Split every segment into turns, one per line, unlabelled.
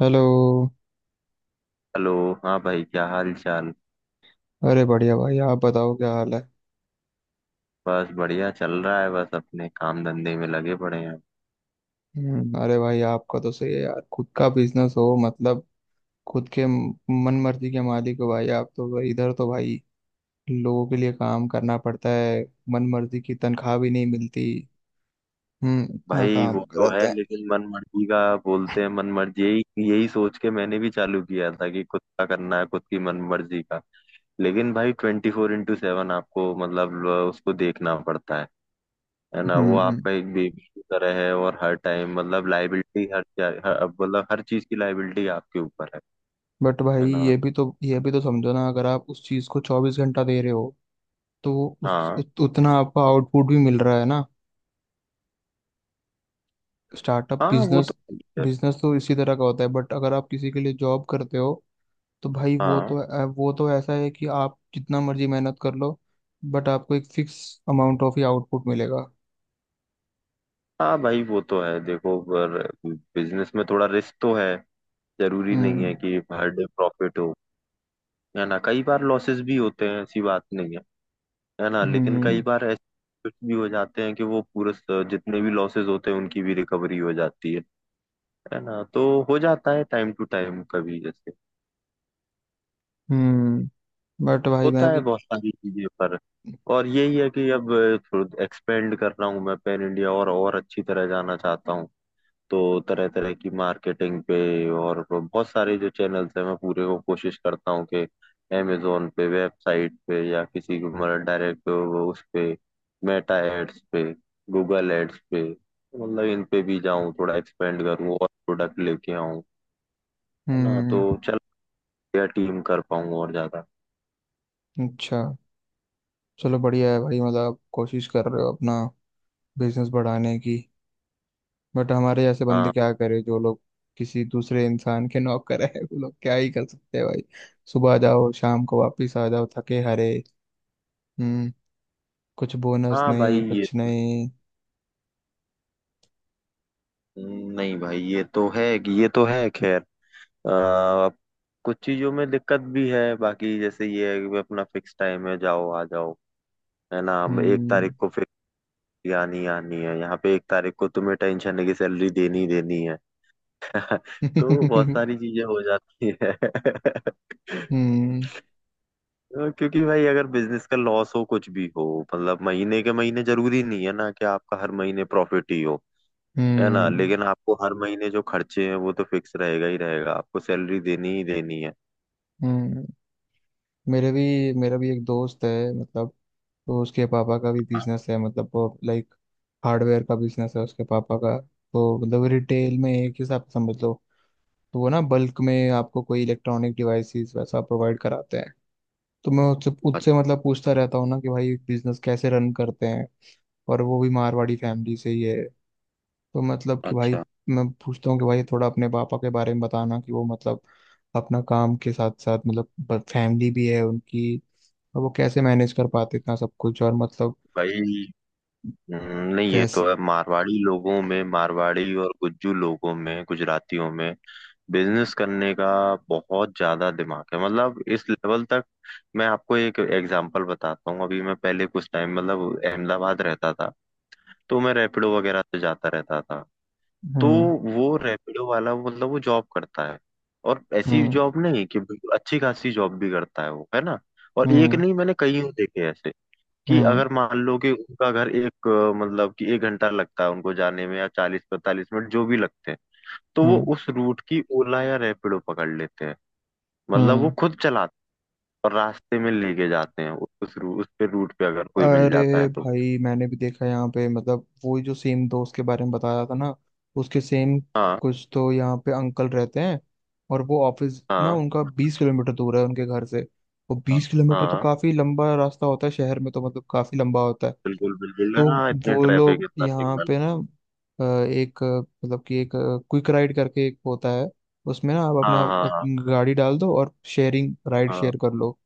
Hello.
Hello. हाँ भाई, क्या हाल चाल?
अरे बढ़िया भाई, आप बताओ क्या हाल है।
बस बढ़िया चल रहा है, बस अपने काम धंधे में लगे पड़े हैं।
अरे भाई, आपका तो सही है यार, खुद का बिजनेस हो मतलब खुद के मन मर्जी के मालिक हो भाई। आप तो भाई, इधर तो भाई लोगों के लिए काम करना पड़ता है, मन मर्जी की तनख्वाह भी नहीं मिलती। हम्म, इतना
भाई
काम
वो तो
कराते
है,
हैं।
लेकिन मन मर्जी का बोलते हैं मन मर्जी, यही यही सोच के मैंने भी चालू किया था कि खुद का करना है, खुद की मन मर्जी का। लेकिन भाई 24x7 आपको मतलब उसको देखना पड़ता है ना। वो
हम्म।
आपका एक बेबी की तरह है और हर टाइम मतलब लाइबिलिटी हर चीज की लाइबिलिटी आपके ऊपर है
बट भाई
है ना।
ये भी तो समझो ना, अगर आप उस चीज को 24 घंटा दे रहे हो तो
हाँ
उतना आपको आउटपुट भी मिल रहा है ना। स्टार्टअप
हाँ, वो
बिजनेस,
तो ठीक है।
बिजनेस तो इसी तरह का होता है। बट अगर आप किसी के लिए जॉब करते हो तो भाई वो
हाँ
तो अ, वो तो ऐसा है कि आप जितना मर्जी मेहनत कर लो बट आपको एक फिक्स अमाउंट ऑफ ही आउटपुट मिलेगा।
हाँ भाई, वो तो है, देखो पर बिजनेस में थोड़ा रिस्क तो है। जरूरी नहीं है
हम्म।
कि हर डे प्रॉफिट हो, है ना। कई बार लॉसेस भी होते हैं, ऐसी बात नहीं है, है ना। लेकिन कई
हम्म।
बार ऐसे कुछ भी हो जाते हैं कि वो जितने भी लॉसेस होते हैं उनकी भी रिकवरी हो जाती है ना। तो हो जाता है टाइम टू टाइम, कभी जैसे
हम्म। बट भाई मैं
होता है
भी।
बहुत सारी चीजें, पर और यही है कि अब एक्सपेंड कर रहा हूँ, मैं पैन इंडिया और अच्छी तरह जाना चाहता हूँ, तो तरह तरह की मार्केटिंग पे, और बहुत सारे जो चैनल्स हैं मैं पूरे को कोशिश करता हूँ कि अमेजोन पे, वेबसाइट पे, या किसी को मतलब डायरेक्ट उस पे, मेटा एड्स पे, गूगल एड्स पे मतलब इन पे भी जाऊँ, थोड़ा एक्सपेंड करूँ और प्रोडक्ट लेके आऊँ, है ना। तो
हम्म।
चल या टीम कर पाऊँ और ज्यादा।
अच्छा, चलो बढ़िया है भाई। मतलब आप कोशिश कर रहे हो अपना बिजनेस बढ़ाने की। बट हमारे ऐसे बंदे
हाँ
क्या करे, जो लोग किसी दूसरे इंसान के नौकर करे वो लोग क्या ही कर सकते हैं भाई। सुबह जाओ, शाम को वापिस आ जाओ थके हारे। हम्म। कुछ बोनस
हाँ भाई
नहीं,
ये,
कुछ नहीं।
नहीं भाई ये तो है कि ये तो है खैर अ, कुछ चीजों में दिक्कत भी है। बाकी जैसे ये है कि अपना फिक्स टाइम है, जाओ आ जाओ, है ना। हम एक
हम्म।
तारीख को फिक्स आनी आनी है यहाँ पे, 1 तारीख को तुम्हें टेंशन है कि सैलरी देनी ही देनी है। तो बहुत सारी चीजें हो जाती है
हम्म।
तो क्योंकि भाई अगर बिजनेस का लॉस हो, कुछ भी हो, मतलब महीने के महीने, जरूरी नहीं है ना कि आपका हर महीने प्रॉफिट ही हो, है ना।
हम्म।
लेकिन आपको हर महीने जो खर्चे हैं वो तो फिक्स रहेगा ही रहेगा, आपको सैलरी देनी ही देनी है।
हम्म। मेरे भी मेरा भी एक दोस्त है मतलब। तो उसके पापा का भी
हाँ,
बिजनेस है मतलब, वो लाइक हार्डवेयर का बिजनेस है उसके पापा का। तो मतलब रिटेल में एक हिसाब से समझ लो। तो वो ना बल्क में आपको कोई इलेक्ट्रॉनिक डिवाइसेस वैसा प्रोवाइड कराते हैं। तो मैं उससे
अ-
उससे मतलब पूछता रहता हूँ ना कि भाई बिजनेस कैसे रन करते हैं। और वो भी मारवाड़ी फैमिली से ही है। तो मतलब कि भाई
अच्छा
मैं पूछता हूँ कि भाई, थोड़ा अपने पापा के बारे में बताना कि वो मतलब अपना काम के साथ साथ मतलब फैमिली भी है उनकी, और वो कैसे मैनेज कर पाते इतना सब कुछ और मतलब
भाई। नहीं ये
कैसे।
तो है, मारवाड़ी लोगों में, मारवाड़ी और गुज्जू लोगों में, गुजरातियों में बिजनेस करने का बहुत ज्यादा दिमाग है। मतलब इस लेवल तक, मैं आपको एक एग्जांपल बताता हूँ। अभी मैं पहले कुछ टाइम मतलब अहमदाबाद रहता था, तो मैं रैपिडो वगैरह से जाता रहता था। तो
हम्म।
वो रैपिडो वाला मतलब वो जॉब करता है, और ऐसी
हम्म।
जॉब नहीं कि बिल्कुल अच्छी खासी जॉब भी करता है वो, है ना। और एक
हम्म।
नहीं, मैंने कई देखे ऐसे कि
हम्म।
अगर मान लो कि उनका घर एक मतलब कि 1 घंटा लगता है उनको जाने में, या 40 45 मिनट जो भी लगते हैं, तो वो
हम्म।
उस रूट की ओला या रैपिडो पकड़ लेते हैं। मतलब वो
हम्म।
खुद चलाते हैं और रास्ते में लेके जाते हैं, उस पे रूट पे अगर कोई मिल
अरे
जाता है तो।
भाई, मैंने भी देखा यहाँ पे मतलब, वो जो सेम दोस्त के बारे में बताया था ना उसके सेम
हाँ
कुछ तो यहाँ पे अंकल रहते हैं। और वो ऑफिस ना
हाँ
उनका 20 किलोमीटर दूर है उनके घर से। वो
हाँ
20 किलोमीटर तो
हाँ,
काफी लंबा रास्ता होता है, शहर में तो मतलब काफी लंबा होता है।
बिल्कुल बिल्कुल,
तो
हाँ इतने
वो
ट्रैफिक,
लोग
इतना
यहाँ
सिग्नल।
पे ना, अ, एक अ, मतलब कि एक क्विक राइड करके एक होता है। उसमें ना आप अपना
हाँ हाँ
गाड़ी डाल दो और शेयरिंग राइड
हाँ
शेयर कर लो।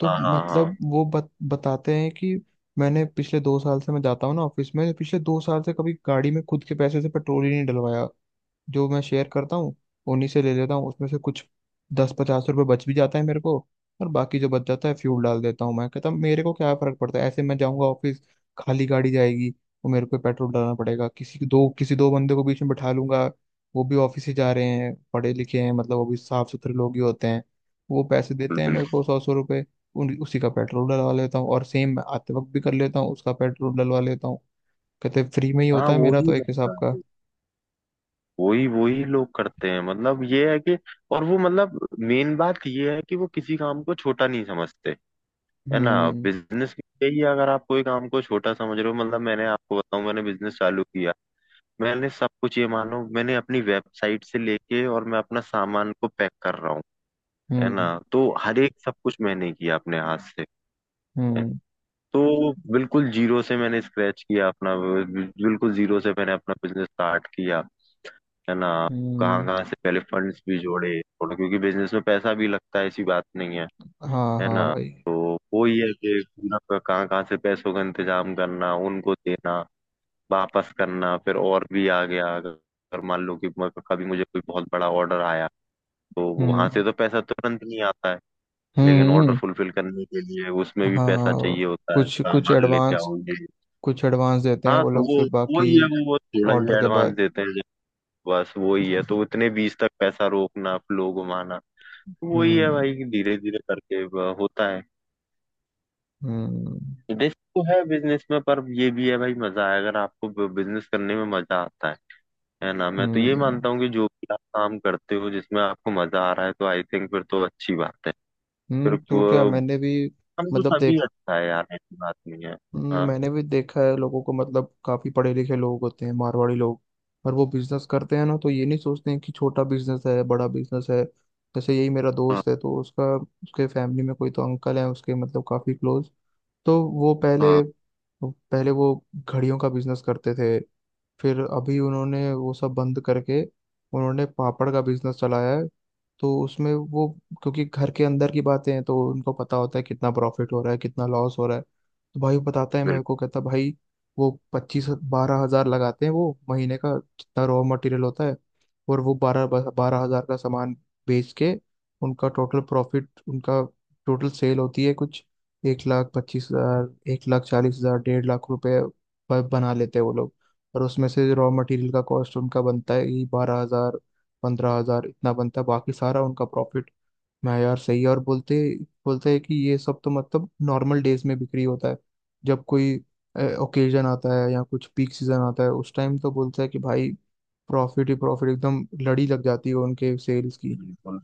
तो
हाँ हाँ हाँ हाँ,
मतलब बताते हैं कि मैंने पिछले 2 साल से, मैं जाता हूँ ना ऑफिस में, तो पिछले 2 साल से कभी गाड़ी में खुद के पैसे से पेट्रोल ही नहीं डलवाया। जो मैं शेयर करता हूँ उन्हीं से ले लेता हूँ, उसमें से कुछ दस पचास रुपये बच भी जाता है मेरे को। और बाकी जो बच जाता है फ्यूल डाल देता हूँ। मैं कहता हूँ मेरे को क्या फर्क पड़ता है, ऐसे मैं जाऊँगा ऑफिस, खाली गाड़ी जाएगी और मेरे को पेट्रोल डालना पड़ेगा। किसी दो बंदे को बीच में बैठा लूंगा, वो भी ऑफिस ही जा रहे हैं, पढ़े लिखे हैं मतलब, वो भी साफ सुथरे लोग ही होते हैं। वो पैसे देते हैं
बिल्कुल
मेरे को
बिल्कुल।
सौ सौ रुपये, उन उसी का पेट्रोल डलवा लेता हूँ और सेम मैं आते वक्त भी कर लेता हूँ उसका पेट्रोल डलवा लेता हूँ। कहते फ्री में ही
हाँ
होता है
वो
मेरा
ही
तो एक हिसाब
रहता
का।
है, वही वही लोग करते हैं, मतलब ये है कि और वो मतलब मेन बात ये है कि वो किसी काम को छोटा नहीं समझते, है ना।
हम्म।
बिजनेस यही है, अगर आप कोई काम को छोटा समझ रहे हो, मतलब मैंने आपको बताऊं, मैंने बिजनेस चालू किया, मैंने सब कुछ, ये मानो मैंने अपनी वेबसाइट से लेके और मैं अपना सामान को पैक कर रहा हूँ, है ना।
हम्म।
तो हर एक सब कुछ मैंने किया अपने हाथ से है।
हम्म।
तो बिल्कुल जीरो से मैंने स्क्रैच किया अपना, बिल्कुल जीरो से मैंने अपना बिजनेस स्टार्ट किया, है ना।
हम्म।
कहाँ कहाँ से पहले फंड्स भी जोड़े, और क्योंकि बिजनेस में पैसा भी लगता है, ऐसी बात नहीं है,
हाँ
है
हाँ
ना।
भाई।
तो वो ही है कि पूरा कहाँ कहाँ से पैसों का इंतजाम करना, उनको देना, वापस करना, फिर और भी आ गया। अगर अगर मान लो कि कभी मुझे कोई बहुत बड़ा ऑर्डर आया, तो वहां
हम्म।
से तो पैसा तुरंत नहीं आता है।
हम्म
लेकिन ऑर्डर
हम्म,
फुलफिल करने के लिए उसमें भी
हाँ
पैसा चाहिए
हाँ,
होता है,
कुछ कुछ
सामान लेके
एडवांस,
आओगे।
कुछ एडवांस देते हैं
हाँ
वो
तो
लोग
वो
फिर
वो
बाकी
ही है, वो थोड़ा ही
ऑर्डर के
एडवांस
बाद।
देते हैं, बस वही है। तो इतने बीस तक पैसा रोकना, फ्लो घुमाना, वही है
हम्म।
भाई कि धीरे धीरे करके होता है।
हम्म।
रिस्क तो है बिजनेस में, पर ये भी है भाई, मजा है, अगर आपको बिजनेस करने में मजा आता है ना। मैं तो
हम्म।
ये मानता हूँ कि जो भी आप काम करते हो जिसमें आपको मजा आ रहा है, तो आई थिंक फिर तो अच्छी बात है।
हम्म।
फिर
तो
वो
क्या मैंने भी
हम तो
मतलब
सभी
देख।
अच्छा है यार, ऐसी बात नहीं है। हाँ
मैंने भी देखा है लोगों को मतलब, काफी पढ़े लिखे लोग होते हैं मारवाड़ी लोग। पर वो बिजनेस करते हैं ना तो ये नहीं सोचते हैं कि छोटा बिजनेस है बड़ा बिजनेस है। जैसे यही मेरा
हाँ
दोस्त है तो उसका उसके फैमिली में कोई तो अंकल है उसके, मतलब काफी क्लोज। तो वो पहले
हाँ
पहले वो घड़ियों का बिजनेस करते थे। फिर अभी उन्होंने वो सब बंद करके उन्होंने पापड़ का बिजनेस चलाया है। तो उसमें वो, क्योंकि घर के अंदर की बातें हैं तो उनको पता होता है कितना प्रॉफिट हो रहा है कितना लॉस हो रहा है। तो भाई वो बताता है मेरे को, कहता भाई वो पच्चीस 12 हजार लगाते हैं, वो महीने का जितना रॉ मटेरियल होता है। और वो बारह बारह हजार का सामान बेच के उनका टोटल प्रॉफिट, उनका टोटल सेल होती है कुछ 1 लाख 25 हजार, 1 लाख 40 हजार, 1.5 लाख रुपए बना लेते हैं वो लोग। और उसमें से रॉ मटेरियल का कॉस्ट उनका बनता है ही 12 हजार, 15 हजार इतना बनता है, बाकी सारा उनका प्रॉफिट। मैं यार सही है। और बोलते बोलते हैं कि ये सब तो मतलब नॉर्मल डेज में बिक्री होता है। जब कोई ओकेजन आता है या कुछ पीक सीजन आता है उस टाइम तो बोलता है कि भाई प्रॉफिट ही प्रॉफिट, एकदम लड़ी लग जाती है उनके सेल्स की।
बिल्कुल।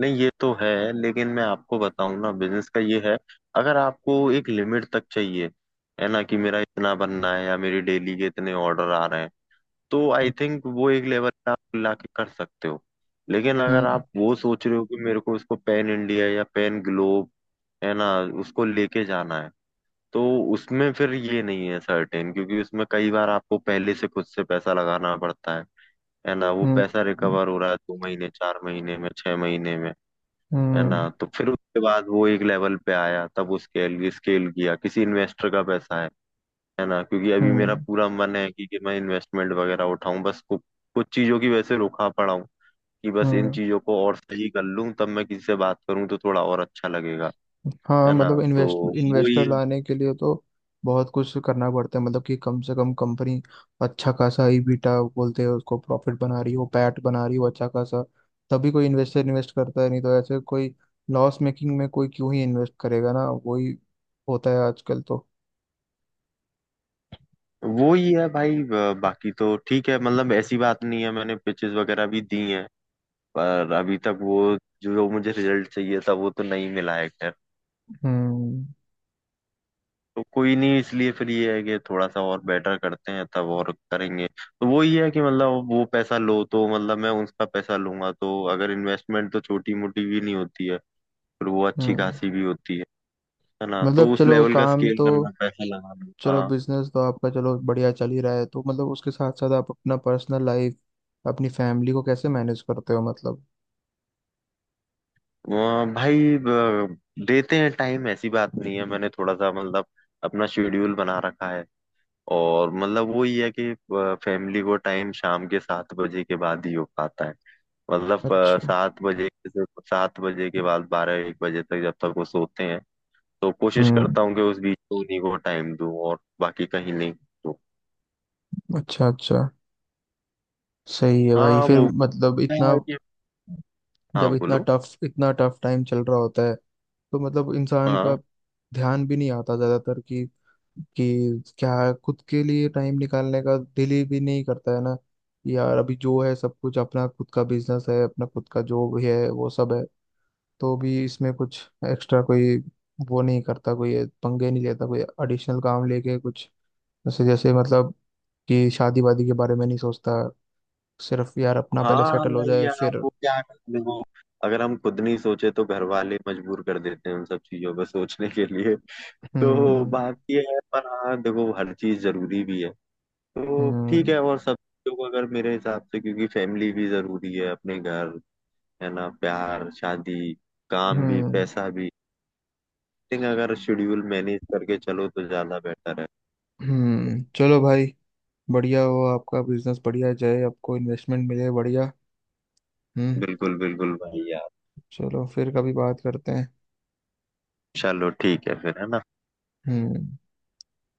नहीं ये तो है। लेकिन मैं आपको बताऊं ना, बिजनेस का ये है, अगर आपको एक लिमिट तक चाहिए, है ना, कि मेरा इतना बनना है या मेरी डेली के इतने ऑर्डर आ रहे हैं, तो आई थिंक वो एक लेवल पे आप लाके कर सकते हो। लेकिन अगर
हम्म।
आप वो सोच रहे हो कि मेरे को इसको पैन इंडिया या पैन ग्लोब, है ना, उसको लेके जाना है, तो उसमें फिर ये नहीं है सर्टेन, क्योंकि उसमें कई बार आपको पहले से खुद से पैसा लगाना पड़ता है ना। वो
हम्म।
पैसा
हम्म।
रिकवर हो रहा है 2 महीने, 4 महीने में, 6 महीने में, है
हम्म।
ना। तो फिर उसके बाद वो एक लेवल पे आया, तब उसके लिए स्केल किया, किसी इन्वेस्टर का पैसा है ना। क्योंकि अभी मेरा
हम्म।
पूरा मन है कि मैं इन्वेस्टमेंट वगैरह उठाऊं, बस कुछ चीजों की वजह से रुका पड़ा हूं, कि बस इन
हम्म।
चीजों को और सही कर लूं तब मैं किसी से बात करूं तो थोड़ा और अच्छा लगेगा,
हाँ
है ना।
मतलब,
तो ही
इन्वेस्टर लाने के लिए तो बहुत कुछ करना पड़ता है। मतलब कि कम से कम कंपनी अच्छा खासा ईबीटा बोलते हैं उसको, प्रॉफिट बना रही हो, पैट बना रही हो अच्छा खासा, तभी कोई इन्वेस्टर इन्वेस्ट करता है। नहीं तो ऐसे कोई लॉस मेकिंग में कोई क्यों ही इन्वेस्ट करेगा ना। वही होता है आजकल तो।
वो ही है भाई। बाकी तो ठीक है, मतलब ऐसी बात नहीं है, मैंने पिचेस वगैरह भी दी हैं, पर अभी तक वो जो जो मुझे रिजल्ट चाहिए था वो तो नहीं मिला है।
हम्म।
तो कोई नहीं, इसलिए फिर ये है कि थोड़ा सा और बेटर करते हैं तब और करेंगे। तो वो ये है कि मतलब वो पैसा लो, तो मतलब मैं उसका पैसा लूंगा तो अगर इन्वेस्टमेंट, तो छोटी मोटी भी नहीं होती है, फिर वो अच्छी
हम्म।
खासी भी होती है ना। तो
मतलब
उस
चलो
लेवल का
काम
स्केल
तो,
करना, पैसा लगाना,
चलो
हाँ।
बिजनेस तो आपका, चलो बढ़िया चल ही रहा है तो मतलब उसके साथ साथ आप अपना पर्सनल लाइफ, अपनी फैमिली को कैसे मैनेज करते हो मतलब।
वहाँ भाई देते हैं टाइम, ऐसी बात नहीं है, मैंने थोड़ा सा मतलब अपना शेड्यूल बना रखा है, और मतलब वो ये है कि फैमिली को टाइम शाम के 7 बजे के बाद ही हो पाता है। मतलब
अच्छा।
7 बजे से, 7 बजे के बाद 12 1 बजे तक जब तक वो सोते हैं, तो कोशिश
हम्म।
करता हूँ कि उस बीच में उन्हीं को टाइम दूँ, और बाकी कहीं नहीं तो।
अच्छा अच्छा। सही है भाई।
हाँ
फिर
वो
मतलब
क्या
इतना,
है कि, हाँ
जब इतना
बोलो।
टफ इतना टफ टाइम चल रहा होता है तो मतलब इंसान का
हाँ
ध्यान भी नहीं आता ज्यादातर कि क्या खुद के लिए टाइम निकालने का दिल ही भी नहीं करता है ना। यार अभी जो है सब कुछ अपना खुद का बिजनेस है, अपना खुद का जो भी है वो सब है, तो भी इसमें कुछ एक्स्ट्रा कोई वो नहीं करता, कोई पंगे नहीं लेता कोई एडिशनल काम लेके कुछ। जैसे जैसे मतलब कि शादी वादी के बारे में नहीं सोचता, सिर्फ यार अपना पहले
हाँ,
सेटल हो
नहीं
जाए
यार,
फिर।
वो क्या करते हैं, वो अगर हम खुद नहीं सोचे तो घर वाले मजबूर कर देते हैं उन सब चीजों पर सोचने के लिए। तो
हम्म।
बात ये है, पर हाँ देखो, हर चीज जरूरी भी है, तो ठीक
हम्म।
है। और सब लोग अगर मेरे हिसाब से, क्योंकि फैमिली भी जरूरी है, अपने घर, है ना, प्यार, शादी, काम भी,
हम्म।
पैसा भी, I think अगर शेड्यूल मैनेज करके चलो तो ज्यादा बेटर है।
हम्म। चलो भाई, बढ़िया हो आपका बिजनेस, बढ़िया जाए, आपको इन्वेस्टमेंट मिले बढ़िया। हम्म।
बिल्कुल बिल्कुल भाई यार।
चलो फिर कभी बात करते हैं।
चलो ठीक है फिर, है ना।
हम्म।